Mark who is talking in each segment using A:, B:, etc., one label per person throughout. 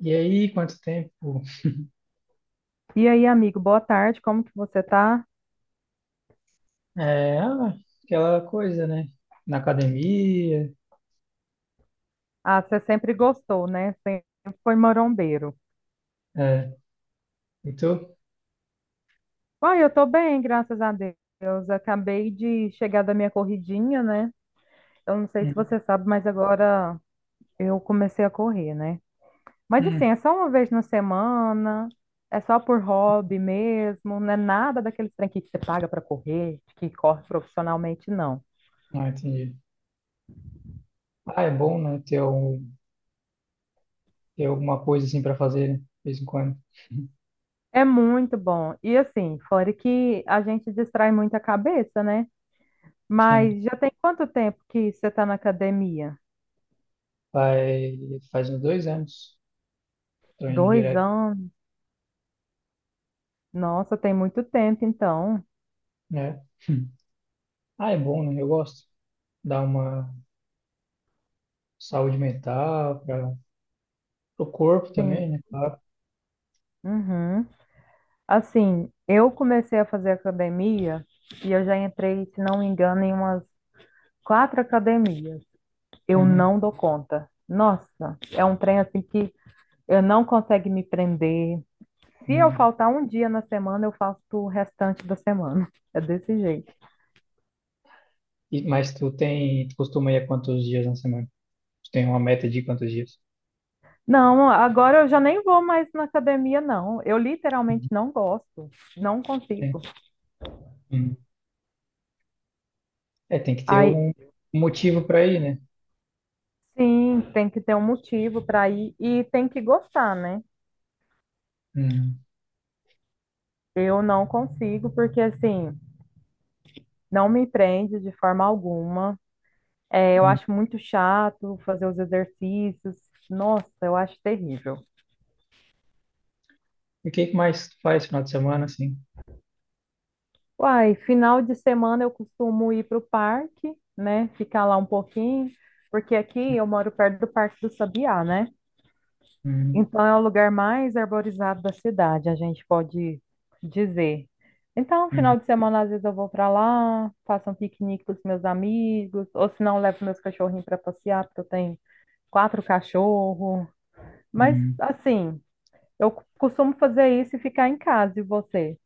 A: E aí, quanto tempo?
B: E aí, amigo, boa tarde, como que você tá?
A: É, ah, Aquela coisa, né? Na academia.
B: Ah, você sempre gostou, né? Sempre foi marombeiro.
A: É. E tu?
B: Ah, eu tô bem, graças a Deus. Acabei de chegar da minha corridinha, né? Eu não sei se
A: Uhum.
B: você sabe, mas agora eu comecei a correr, né? Mas assim,
A: Hum.
B: é só uma vez na semana, é só por hobby mesmo, não é nada daqueles trem que você paga para correr, que corre profissionalmente, não.
A: Ah, entendi. Ah, é bom, né? Ter alguma coisa assim para fazer, né? De vez em quando.
B: É muito bom. E assim, fora que a gente distrai muito a cabeça, né?
A: Sim.
B: Mas já tem quanto tempo que você está na academia?
A: Faz, faz uns 2 anos. Tô indo
B: Dois
A: direto,
B: anos? Nossa, tem muito tempo, então.
A: né? Hum. Ah, é bom, né? Eu gosto. Dá uma saúde mental para o corpo
B: Sim.
A: também, né? Claro.
B: Uhum. Assim, eu comecei a fazer academia e eu já entrei, se não me engano, em umas quatro academias. Eu
A: Uhum.
B: não dou conta. Nossa, é um trem assim que eu não consigo me prender. Se eu
A: Uhum.
B: faltar um dia na semana, eu faço o restante da semana. É desse jeito.
A: E, mas tu costuma ir a quantos dias na semana? Tu Tem uma meta de quantos dias?
B: Não, agora eu já nem vou mais na academia, não. Eu literalmente
A: Uhum.
B: não gosto, não
A: É,
B: consigo.
A: Uhum. É, tem que ter
B: Aí,
A: um motivo para ir, né?
B: sim, tem que ter um motivo para ir e tem que gostar, né?
A: Uhum.
B: Eu não consigo, porque assim, não me prende de forma alguma. É, eu
A: Uhum.
B: acho muito chato fazer os exercícios. Nossa, eu acho terrível.
A: E o que que mais tu faz final de semana, assim?
B: Uai, final de semana eu costumo ir para o parque, né? Ficar lá um pouquinho, porque aqui eu moro perto do Parque do Sabiá, né?
A: Uhum.
B: Então, é o lugar mais arborizado da cidade, a gente pode dizer. Então,
A: Uhum.
B: final de semana, às vezes eu vou para lá, faço um piquenique com os meus amigos, ou se não, levo meus cachorrinhos para passear, porque eu tenho quatro cachorros. Mas,
A: Uhum.
B: assim, eu costumo fazer isso e ficar em casa, e você?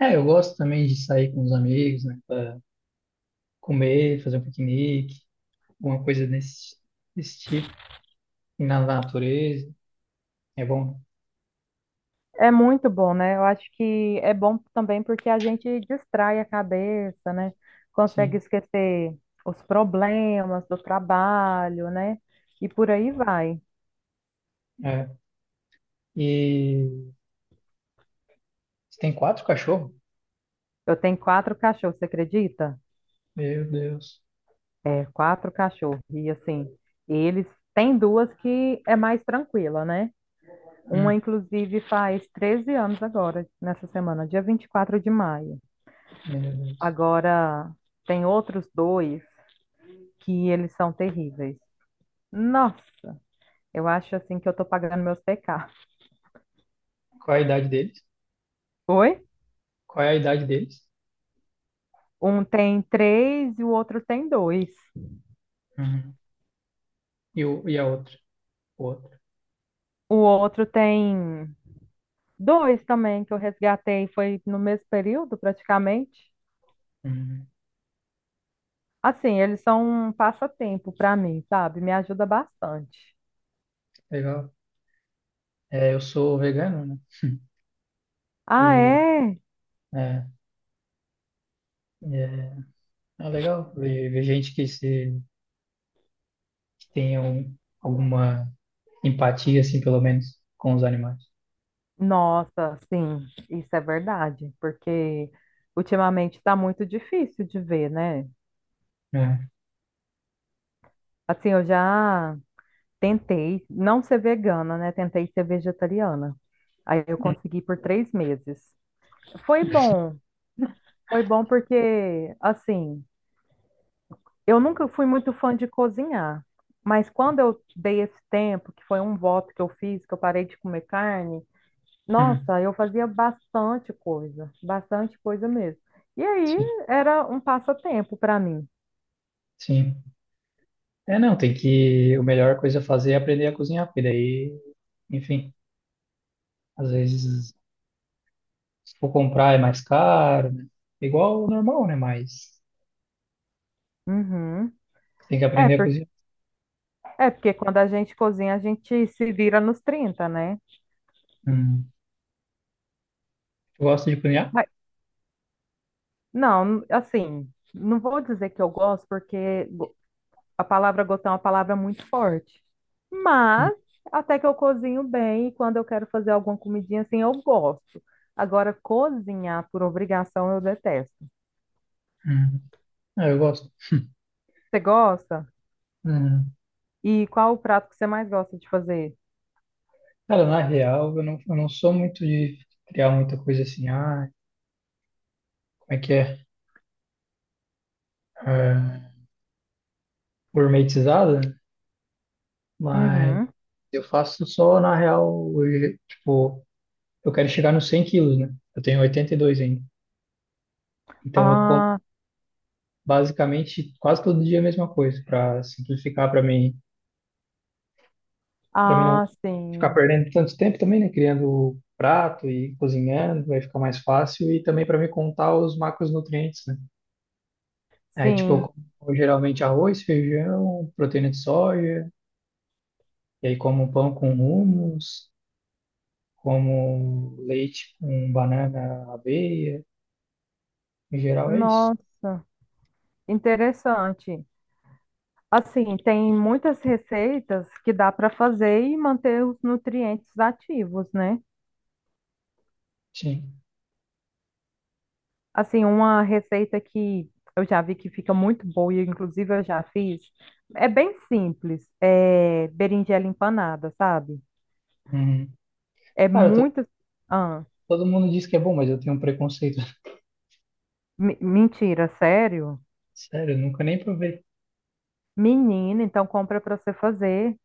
A: É, eu gosto também de sair com os amigos, né? Pra comer, fazer um piquenique, alguma coisa desse, desse tipo. Ir na natureza, é bom,
B: É muito bom, né? Eu acho que é bom também porque a gente distrai a cabeça, né? Consegue
A: sim.
B: esquecer os problemas do trabalho, né? E por aí vai.
A: É. E você tem 4 cachorros?
B: Eu tenho quatro cachorros, você acredita?
A: Meu Deus.
B: É, quatro cachorros. E assim, eles têm duas que é mais tranquila, né? Uma,
A: Hum,
B: inclusive, faz 13 anos agora, nessa semana, dia 24 de maio.
A: Meu Deus.
B: Agora, tem outros dois que eles são terríveis. Nossa, eu acho assim que eu tô pagando meus pecados.
A: Qual é a idade deles?
B: Oi?
A: Qual é a idade deles?
B: Um tem três e o outro tem dois.
A: Uhum. E a outra? Outro.
B: O outro tem dois também que eu resgatei, foi no mesmo período, praticamente.
A: Hum,
B: Assim, eles são um passatempo para mim, sabe? Me ajuda bastante.
A: legal. É, eu sou vegano, né?
B: Ah,
A: E
B: é?
A: é, é, é legal ver, ver gente que, se, que tenha um- alguma empatia, assim, pelo menos, com os animais.
B: Nossa, sim, isso é verdade, porque ultimamente está muito difícil de ver, né?
A: É.
B: Assim, eu já tentei não ser vegana, né? Tentei ser vegetariana. Aí eu
A: Hum,
B: consegui por 3 meses. Foi bom, foi bom porque, assim, eu nunca fui muito fã de cozinhar, mas quando eu dei esse tempo, que foi um voto que eu fiz, que eu parei de comer carne.
A: hum,
B: Nossa, eu fazia bastante coisa mesmo. E aí
A: sim,
B: era um passatempo para mim.
A: sim. É, não, tem que... A melhor coisa a fazer é aprender a cozinhar, porque daí, enfim, às vezes, se for comprar é mais caro, né? Igual o normal, né? Mas
B: Uhum.
A: tem que
B: É,
A: aprender a cozinhar.
B: é porque quando a gente cozinha, a gente se vira nos 30, né?
A: Hum. Tu gosta de cozinhar?
B: Mas- não, assim, não vou dizer que eu gosto, porque a palavra gotão é uma palavra muito forte.
A: Hum.
B: Mas até que eu cozinho bem e quando eu quero fazer alguma comidinha assim, eu gosto. Agora, cozinhar por obrigação eu detesto.
A: hum. Ah, eu gosto.
B: Você gosta?
A: Hum.
B: E qual o prato que você mais gosta de fazer?
A: Cara, na real, eu não sou muito de criar muita coisa assim, como é que é? Ah, gourmetizada, mas
B: Uhum.
A: eu faço só, na real, hoje, tipo, eu quero chegar nos 100 quilos, né? Eu tenho 82 ainda. Então eu como
B: Ah,
A: basicamente quase todo dia a mesma coisa, para simplificar para mim não
B: ah,
A: ficar
B: sim,
A: perdendo tanto tempo também, né? Criando prato e cozinhando, vai ficar mais fácil e também para me contar os macronutrientes, né? Aí, tipo, eu
B: sim.
A: como geralmente arroz, feijão, proteína de soja, e aí como pão com hummus, como leite com banana, aveia. Em geral é isso.
B: Nossa, interessante. Assim, tem muitas receitas que dá para fazer e manter os nutrientes ativos, né?
A: Sim.
B: Assim, uma receita que eu já vi que fica muito boa e inclusive eu já fiz, é bem simples, é berinjela empanada, sabe?
A: Uhum.
B: É
A: Cara,
B: muito... Ah,
A: todo mundo diz que é bom, mas eu tenho um preconceito.
B: mentira, sério?
A: Sério, eu nunca nem provei.
B: Menina, então compra para você fazer,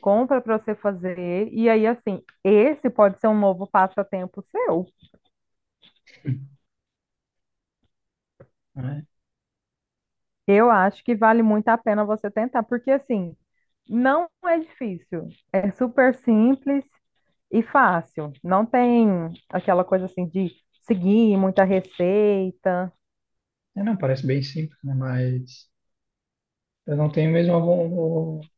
B: compra para você fazer. E aí, assim, esse pode ser um novo passatempo seu.
A: Né?
B: Eu acho que vale muito a pena você tentar, porque assim, não é difícil, é super simples e fácil. Não tem aquela coisa assim de seguir muita receita.
A: É, não, parece bem simples, né? Mas eu não tenho mesmo a von... o-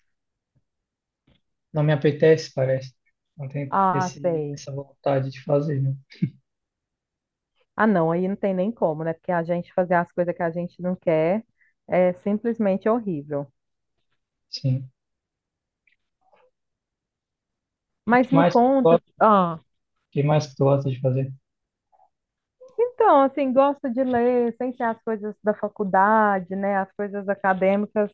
A: não me apetece, parece. Não tenho
B: Ah, sei.
A: essa vontade de fazer, né?
B: Ah, não, aí não tem nem como, né? Porque a gente fazer as coisas que a gente não quer é simplesmente horrível.
A: Sim. E o
B: Mas
A: que
B: me
A: mais que tu
B: conta,
A: gosta,
B: ah,
A: o que mais que tu gosta de fazer?
B: então, assim, gosto de ler, sem ser as coisas da faculdade, né? As coisas acadêmicas,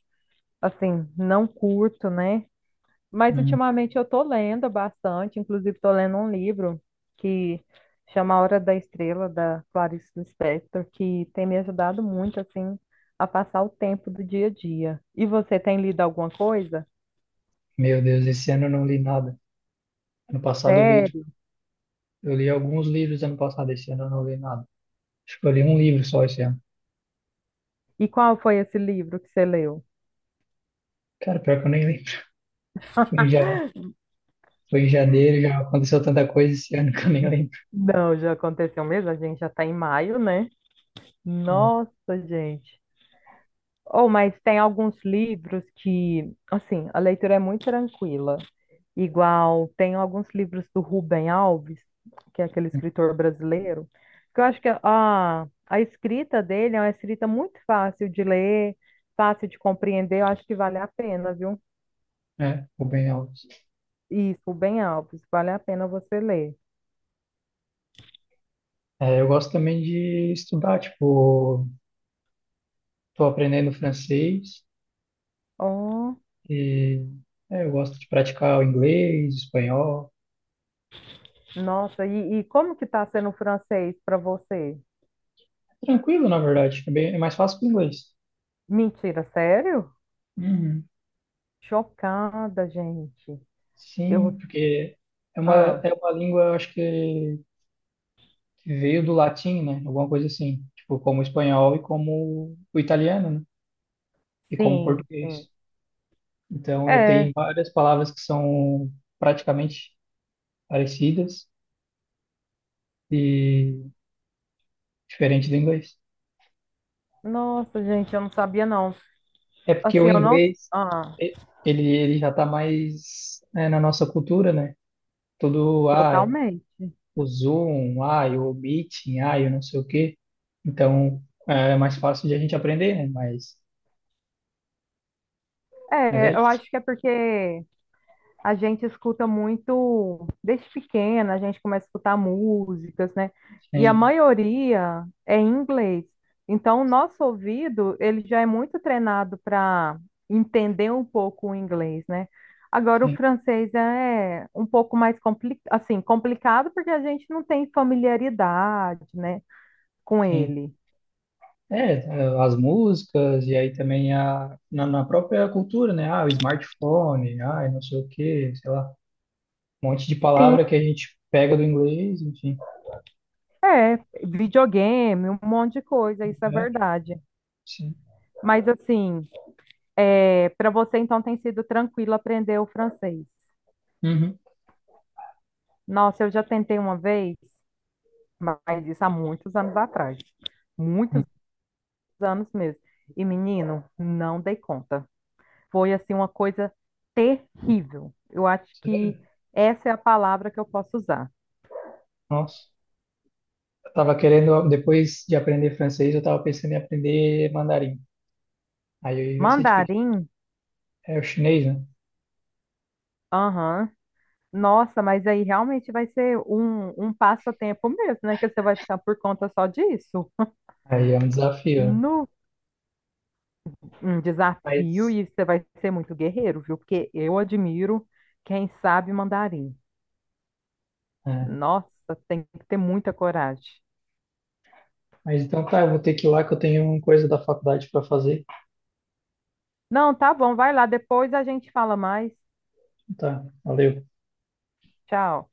B: assim, não curto, né? Mas
A: Uhum.
B: ultimamente eu tô lendo bastante, inclusive tô lendo um livro que chama A Hora da Estrela, da Clarice Lispector, que tem me ajudado muito, assim, a passar o tempo do dia a dia. E você tem lido alguma coisa?
A: Meu Deus, esse ano eu não li nada. Ano passado eu li, tipo,
B: Sério?
A: eu li alguns livros ano passado, esse ano eu não li nada. Acho que eu li um livro só esse ano.
B: E qual foi esse livro que você leu?
A: Cara, pior que eu nem lembro. Foi em, ja- foi em janeiro, já aconteceu tanta coisa esse ano que eu nem lembro.
B: Não, já aconteceu mesmo, a gente já tá em maio, né?
A: É,
B: Nossa, gente. Ou, mas tem alguns livros que, assim, a leitura é muito tranquila. Igual, tem alguns livros do Rubem Alves, que é aquele escritor brasileiro, que eu acho que a escrita dele é uma escrita muito fácil de ler, fácil de compreender. Eu acho que vale a pena, viu?
A: ficou bem alto.
B: Isso, Rubem Alves, vale a pena você ler.
A: É, eu gosto também de estudar, tipo, tô aprendendo francês
B: Oh,
A: e é, eu gosto de praticar o inglês, espanhol.
B: nossa, e como que tá sendo o francês para você?
A: É tranquilo, na verdade, é, bem, é mais fácil que o inglês.
B: Mentira, sério?
A: Uhum.
B: Chocada, gente. Eu,
A: Sim, porque é uma,
B: ah.
A: é uma língua, eu acho que veio do latim, né? Alguma coisa assim, tipo como o espanhol e como o italiano, né? E como o
B: Sim,
A: português.
B: sim.
A: Então, é, tem
B: É,
A: várias palavras que são praticamente parecidas e diferentes do inglês.
B: nossa, gente, eu não sabia não.
A: É porque
B: Assim,
A: o
B: eu não.
A: inglês
B: Ah,
A: e- ele já está mais né, na nossa cultura, né? Tudo, ah,
B: totalmente.
A: o Zoom, ah, o Meeting, ah, eu não sei o quê. Então, é mais fácil de a gente aprender, né? Mas é
B: É, eu
A: isso.
B: acho que é porque a gente escuta muito, desde pequena, a gente começa a escutar músicas, né? E a
A: Sim,
B: maioria é em inglês. Então, o nosso ouvido, ele já é muito treinado para entender um pouco o inglês, né? Agora, o
A: sim,
B: francês é um pouco mais compli assim, complicado porque a gente não tem familiaridade, né? com
A: sim.
B: ele.
A: É, eh, as músicas e aí também na própria cultura, né? Ah, o smartphone, ah, não sei o quê, sei lá, um monte de
B: Sim,
A: palavra que a gente pega do inglês, enfim.
B: é, videogame, um monte de coisa, isso é
A: É,
B: verdade.
A: sim.
B: Mas assim, é, para você então tem sido tranquilo aprender o francês.
A: Uhum.
B: Nossa, eu já tentei uma vez, mas isso há muitos anos atrás,
A: Hum,
B: muitos anos mesmo. E menino, não dei conta. Foi assim uma coisa terrível. Eu acho que
A: sério?
B: essa é a palavra que eu posso usar.
A: Nossa. Eu tava querendo, depois de aprender francês, eu tava pensando em aprender mandarim. Aí vai ser difícil.
B: Mandarim,
A: É o chinês, né?
B: aham, nossa, mas aí realmente vai ser um passatempo mesmo, né? Que você vai ficar por conta só disso.
A: Aí é um desafio, né?
B: No, um desafio,
A: Mas,
B: e você vai ser muito guerreiro, viu? Porque eu admiro quem sabe mandarim.
A: é.
B: Nossa, tem que ter muita coragem.
A: Mas então tá, eu vou ter que ir lá que eu tenho coisa da faculdade para fazer.
B: Não, tá bom, vai lá, depois a gente fala mais.
A: Tá, valeu.
B: Tchau.